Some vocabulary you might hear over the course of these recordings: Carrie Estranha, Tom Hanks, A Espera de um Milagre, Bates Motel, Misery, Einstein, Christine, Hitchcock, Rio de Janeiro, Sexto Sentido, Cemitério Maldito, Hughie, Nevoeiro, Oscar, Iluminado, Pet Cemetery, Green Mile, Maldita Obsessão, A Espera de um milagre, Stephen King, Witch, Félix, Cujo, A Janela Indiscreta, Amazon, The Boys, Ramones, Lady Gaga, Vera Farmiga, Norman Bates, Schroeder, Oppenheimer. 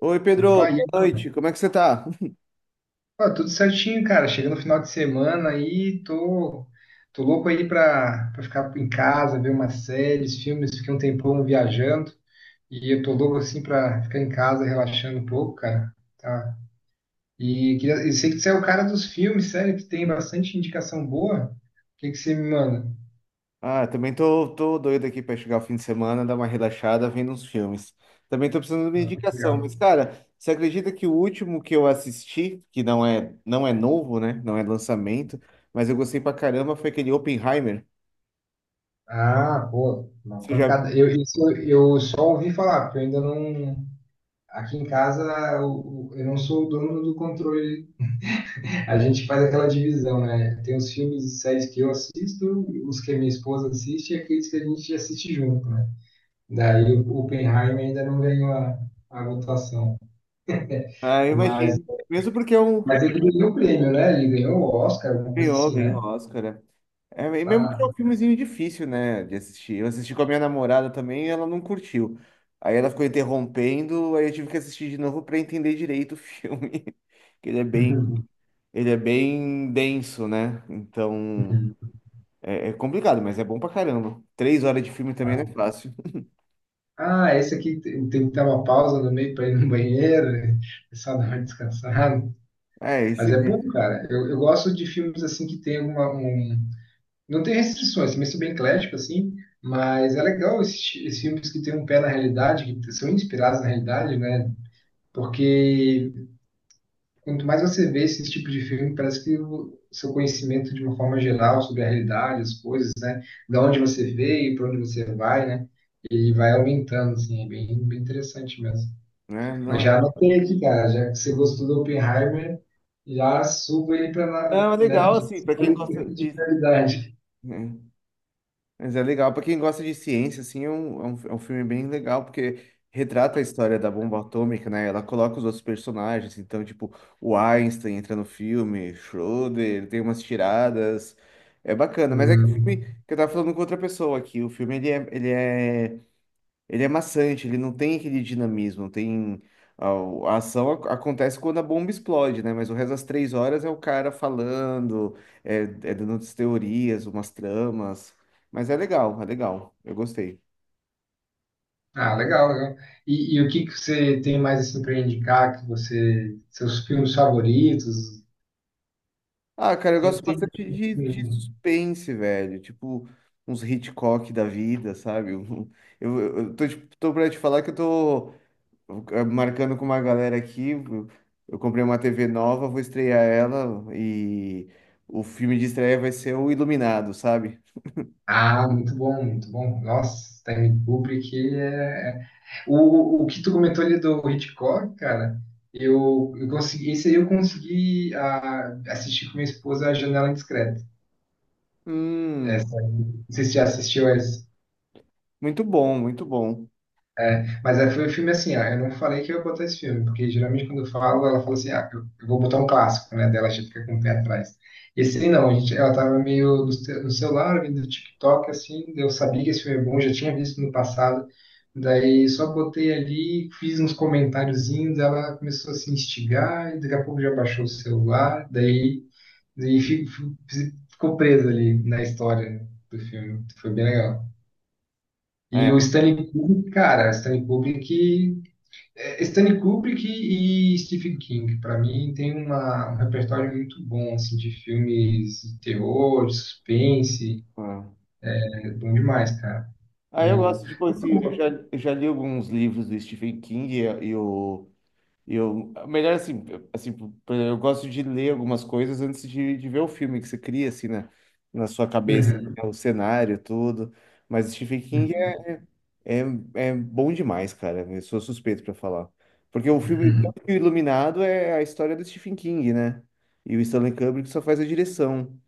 Oi, Pedro, Opa, e aí, boa noite. Como é que você tá? ó, tudo certinho, cara. Chegando no final de semana aí, tô louco aí pra ficar em casa, ver umas séries, filmes. Fiquei um tempão viajando e eu tô louco assim pra ficar em casa relaxando um pouco, cara. Tá. E queria, eu sei que você é o cara dos filmes, sério, que tem bastante indicação boa. O que que você me manda? Ah, também tô, tô doido aqui pra chegar o fim de semana, dar uma relaxada vendo uns filmes. Também tô precisando de uma Ah, que indicação, legal. mas cara, você acredita que o último que eu assisti, que não é novo, né? Não é lançamento, mas eu gostei pra caramba, foi aquele Oppenheimer. Ah, pô, uma Você já... pancada. Isso eu só ouvi falar, porque eu ainda não. Aqui em casa, eu não sou o dono do controle. A gente faz aquela divisão, né? Tem os filmes e séries que eu assisto, os que a minha esposa assiste e aqueles que a gente assiste junto, né? Daí o Oppenheimer ainda não ganhou a votação. Ah, eu Mas, imagino. Mesmo porque é um... mas ele ganhou o prêmio, né? Ele ganhou o Oscar, alguma coisa ganhou, assim, ganhou né? Oscar, né? É, e mesmo que é Ah, um filmezinho difícil, né, de assistir. Eu assisti com a minha namorada também e ela não curtiu. Aí ela ficou interrompendo, aí eu tive que assistir de novo pra entender direito o filme. Que ele é bem denso, né? Então é complicado, mas é bom pra caramba. Três horas de filme também não é fácil. ah, esse aqui teve que dar uma pausa no meio para ir no banheiro, né? O pessoal dá uma descansada. É, Mas esse é bom, mesmo, cara. Eu gosto de filmes assim que tem uma, não tem restrições, também sou bem eclético, assim, mas é legal esses, esses filmes que têm um pé na realidade, que são inspirados na realidade, né? Porque quanto mais você vê esse tipo de filme, parece que o seu conhecimento de uma forma geral sobre a realidade, as coisas, né? Da onde você veio, para onde você vai, né? Ele vai aumentando, assim, é bem, bem interessante mesmo. né? Não Mas é, já anotei aqui, cara, já que você gostou do Oppenheimer, já suba ele para, não, é né? legal, Já assim, pra suba quem gosta ele de de. prioridade. Né? Mas é legal. Pra quem gosta de ciência, assim, é um filme bem legal, porque retrata a história da bomba atômica, né? Ela coloca os outros personagens. Então, tipo, o Einstein entra no filme, Schroeder, tem umas tiradas. É bacana. Mas é que o filme Hum. que eu tava falando com outra pessoa aqui. O filme, ele é maçante, ele não tem aquele dinamismo, tem... A, a ação acontece quando a bomba explode, né? Mas o resto das três horas é o cara falando, é dando umas teorias, umas tramas. Mas é legal, é legal. Eu gostei. Ah, legal, legal. E o que que você tem mais assim para indicar que você, seus filmes favoritos? Ah, cara, eu gosto Sempre tem bastante de filme. suspense, velho. Tipo, uns Hitchcock da vida, sabe? Tô pra te falar que eu tô marcando com uma galera aqui. Eu comprei uma TV nova, vou estrear ela e o filme de estreia vai ser o Iluminado, sabe? Ah, muito bom, muito bom. Nossa, Stanley Kubrick é... é, o que tu comentou ali do Hitchcock, cara, eu consegui, esse aí eu consegui assistir com minha esposa A Janela Indiscreta. Hum, Essa, não sei se você já assistiu essa. muito bom, muito bom. Mas aí foi o filme assim, ó, eu não falei que eu ia botar esse filme, porque geralmente quando eu falo, ela fala assim, ah, eu vou botar um clássico, né? Dela a gente fica com o pé atrás. Esse aí não, a gente, ela tava meio no, no celular, vendo do TikTok, assim, eu sabia que esse filme é bom, já tinha visto no passado, daí só botei ali, fiz uns comentáriozinhos, ela começou a se instigar, e daqui a pouco já baixou o celular, daí, daí ficou presa ali na história do filme, foi bem legal. E É, o Stanley Kubrick, cara, o Stanley Kubrick é, Stanley Kubrick e Stephen King, para mim, tem um repertório muito bom assim, de filmes de terror, de suspense. é. É bom demais, cara. Ah, eu O... gosto, tipo assim, eu já li alguns livros do Stephen King e eu, e eu melhor assim, assim, por exemplo, eu gosto de ler algumas coisas antes de ver o filme que você cria, assim, né? Na sua cabeça, Uhum, né, o cenário, tudo. Mas Stephen King é, é bom demais, cara. Eu sou suspeito pra falar. Porque o filme uhum, tanto que o Iluminado é a história do Stephen King, né? E o Stanley Kubrick só faz a direção.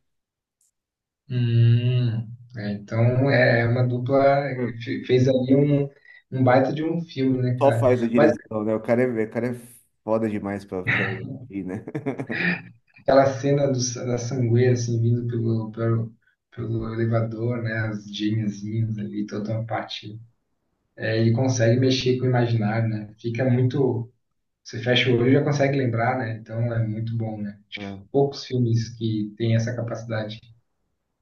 uhum. É, então, é uma dupla Hum. Fez ali um, um baita de um filme, né, Só cara? faz a Mas direção, né? O cara é foda demais pra ir, né? aquela cena do, da sangueira, assim, vindo pelo, pelo, pelo elevador, né, as gêmeazinhas ali, toda uma parte é, e consegue mexer com o imaginário, né? Fica muito. Você fecha o olho e já consegue lembrar, né? Então é muito bom, né? Poucos filmes que têm essa capacidade.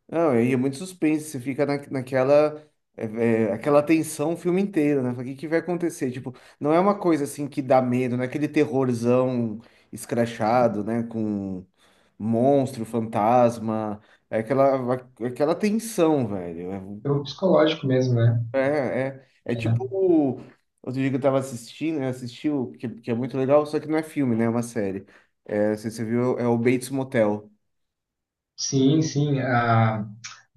Não, e é muito suspense, você fica na, naquela é, é, aquela tensão o filme inteiro, né? Fala, o que que vai acontecer? Tipo, não é uma coisa assim que dá medo, não é aquele terrorzão escrachado, né? Com monstro, fantasma, é aquela, aquela tensão, velho. É o psicológico mesmo, né? É, é tipo, outro dia que eu tava assistindo, eu assisti, que é muito legal, só que não é filme, né? É uma série. É, você viu, é o Bates Motel. Sim, sim. A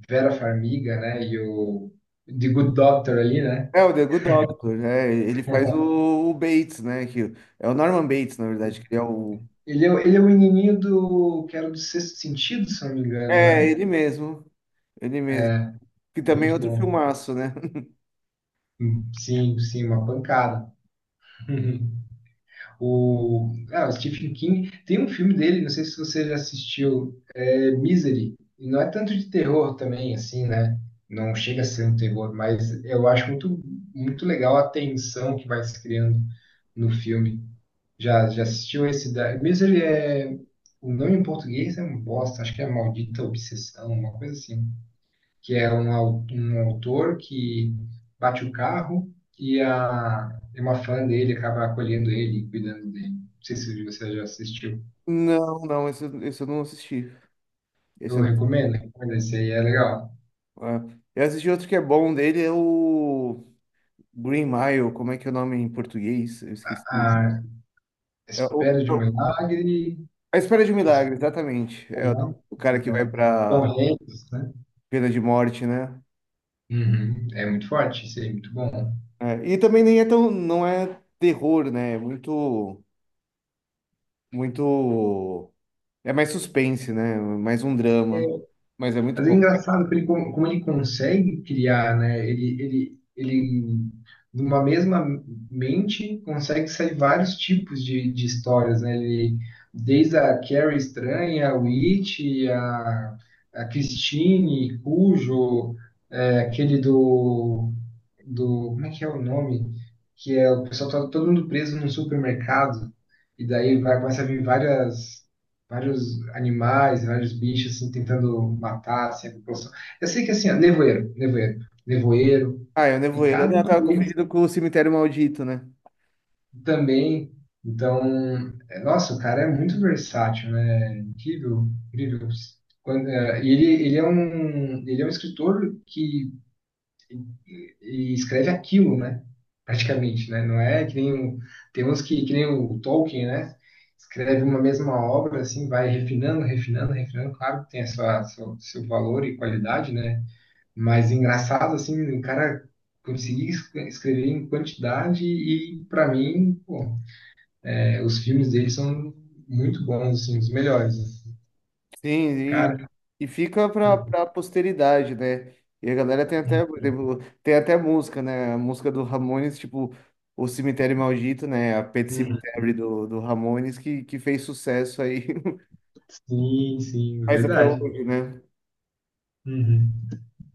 Vera Farmiga, né? E o The Good Doctor ali, né? É o The Good Doctor, é, ele faz o Bates, né? Que é o Norman Bates, na verdade, que ele é o. Ele é, ele é o menininho do. Que era do Sexto Sentido, se eu não me engano, É, né? ele mesmo. Ele mesmo. Que também é Muito outro bom. filmaço, né? Sim, sim, uma pancada. O, ah, o Stephen King tem um filme dele, não sei se você já assistiu, é, Misery, e não é tanto de terror também, assim, né? Não chega a ser um terror, mas eu acho muito, muito legal a tensão que vai se criando no filme. Já, já assistiu esse da... Misery é... O nome em português é um bosta, acho que é Maldita Obsessão, uma coisa assim. Que é um, um autor que bate o carro e a, e uma fã dele acaba acolhendo ele e cuidando dele. Não sei se você já assistiu. Não, não, esse eu não assisti. Esse Eu eu recomendo, recomendo, esse aí é legal. não. É. Eu assisti outro que é bom dele, é o Green Mile, como é que é o nome em português? Eu esqueci. A É o, Espera de é um o- milagre, A Espera de um mas- Milagre, exatamente. É o cara que vai né? Tom pra Hanks, né? pena de morte, né? Uhum. É muito forte, isso aí, muito bom. É, e também nem é tão, não é terror, né? É muito. Muito. É mais suspense, né? Mais um drama. Mas é muito Mas é bom. engraçado que ele, como ele consegue criar, né? Numa mesma mente, consegue sair vários tipos de histórias, né? Ele, desde a Carrie Estranha, a Witch, a, a Christine, Cujo, é, aquele do, do... Como é que é o nome? Que é o pessoal tá todo mundo preso num supermercado. E daí vai, começa a vir várias, vários animais, vários bichos assim, tentando matar assim, a população. Eu sei que assim, ó, nevoeiro, Ah, é o e Nevoeiro. Eu cada um tava deles confundido com o Cemitério Maldito, né? também. Então, é, nossa, o cara é muito versátil, né? Incrível, incrível. Quando, é, e ele, ele é um escritor que e escreve aquilo, né? Praticamente, né? Não é que nem o, tem uns que nem o Tolkien, né? Escreve uma mesma obra, assim, vai refinando. Claro que tem a sua, seu, seu valor e qualidade, né? Mas engraçado, assim, o cara conseguir escrever em quantidade e, para mim, pô, é, os filmes dele são muito bons, assim, os melhores, né? Sim, e, Cara, e fica Hum, pra posteridade, né? E a galera tem até, por exemplo, tem até música, né? A música do Ramones, tipo, o Cemitério Maldito, né? A Pet hum, Cemetery hum. Do Ramones, que fez sucesso aí. Sim, sim, Mas até verdade. hoje, né? Uhum.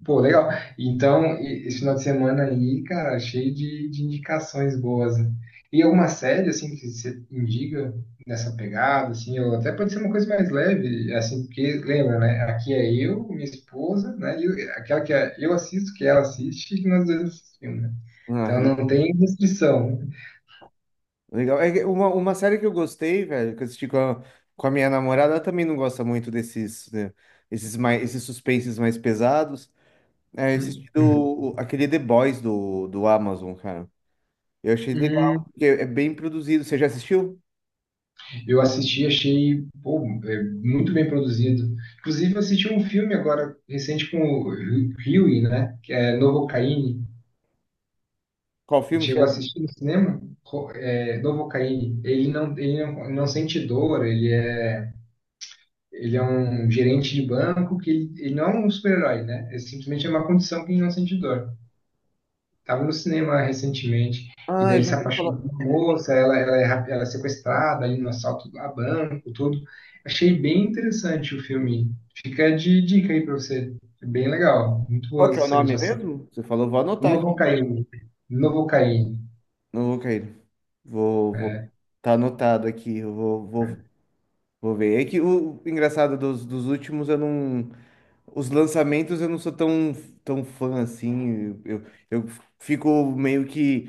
Pô, legal. Então, esse final de semana aí, cara, cheio de indicações boas, né? E alguma série, assim, que você indica nessa pegada, assim, ou até pode ser uma coisa mais leve, assim, porque, lembra, né? Aqui é eu, minha esposa, né? Aquela que é- eu assisto, que ela assiste, e que nós dois assistimos, né? Ah, Então não tem restrição. legal. É que uma série que eu gostei, velho, que eu assisti com a minha namorada, ela também não gosta muito desses, né, esses mais, esses suspenses mais pesados. É, eu Hum. assisti Uhum. Aquele The Boys do Amazon, cara. Eu achei Hum. legal, porque é bem produzido. Você já assistiu? Eu assisti, achei pô, é, muito bem produzido. Inclusive, eu assisti um filme agora recente com o Hughie, né? Que é Novocaine. Qual filme que é? Chegou a assistir no cinema? É, Novocaine. Ele não, não sente dor, ele é um gerente de banco que ele não é um super-herói, né? Ele simplesmente é uma condição que ele não sente dor. Tava no cinema recentemente, e Ah, daí eu ele já se ouvi falar. apaixonou por uma moça, ela, é, ela é sequestrada ali no assalto a banco, tudo. Achei bem interessante o filme. Fica de dica aí pra você. É bem legal. Muito Qual boas que é o as cenas de nome ação. mesmo? Você falou, vou anotar aqui. Novocaine. Novocaine. Não vou cair. Vou, vou. É. Tá anotado aqui. Vou ver. É que o engraçado dos últimos eu não. Os lançamentos eu não sou tão, tão fã assim. Eu fico meio que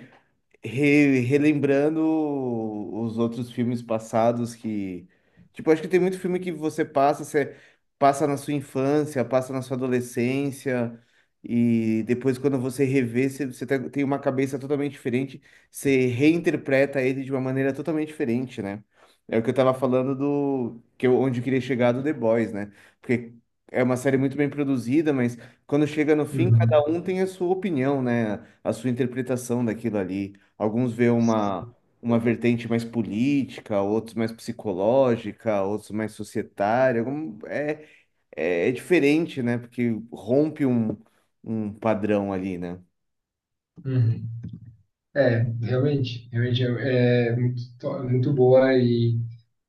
relembrando os outros filmes passados que, tipo, acho que tem muito filme que você passa na sua infância, passa na sua adolescência, e depois quando você revê, você tem tem uma cabeça totalmente diferente, você reinterpreta ele de uma maneira totalmente diferente, né? É o que eu tava falando do que eu, onde eu queria chegar do The Boys, né? Porque é uma série muito bem produzida, mas quando chega no fim, cada Uhum. um tem a sua opinião, né? A sua interpretação daquilo ali. Alguns vê uma vertente mais política, outros mais psicológica, outros mais societária. É, é diferente, né? Porque rompe um padrão ali, né? Uhum. É, realmente, realmente é, é muito, muito boa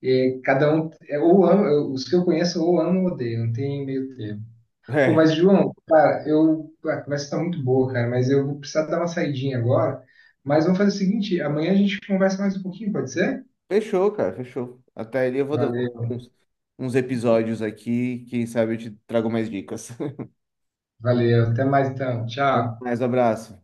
e cada um, é, ou ama, os que eu conheço ou amo ou odeio, não tem meio termo. Pô, É, mas João, cara, a conversa tá muito boa, cara, mas eu vou precisar dar uma saidinha agora. Mas vamos fazer o seguinte, amanhã a gente conversa mais um pouquinho, pode ser? fechou, cara, fechou. Até ali eu vou dar Valeu, uns episódios aqui, quem sabe eu te trago mais dicas. valeu, até mais então, tchau. Mais abraço.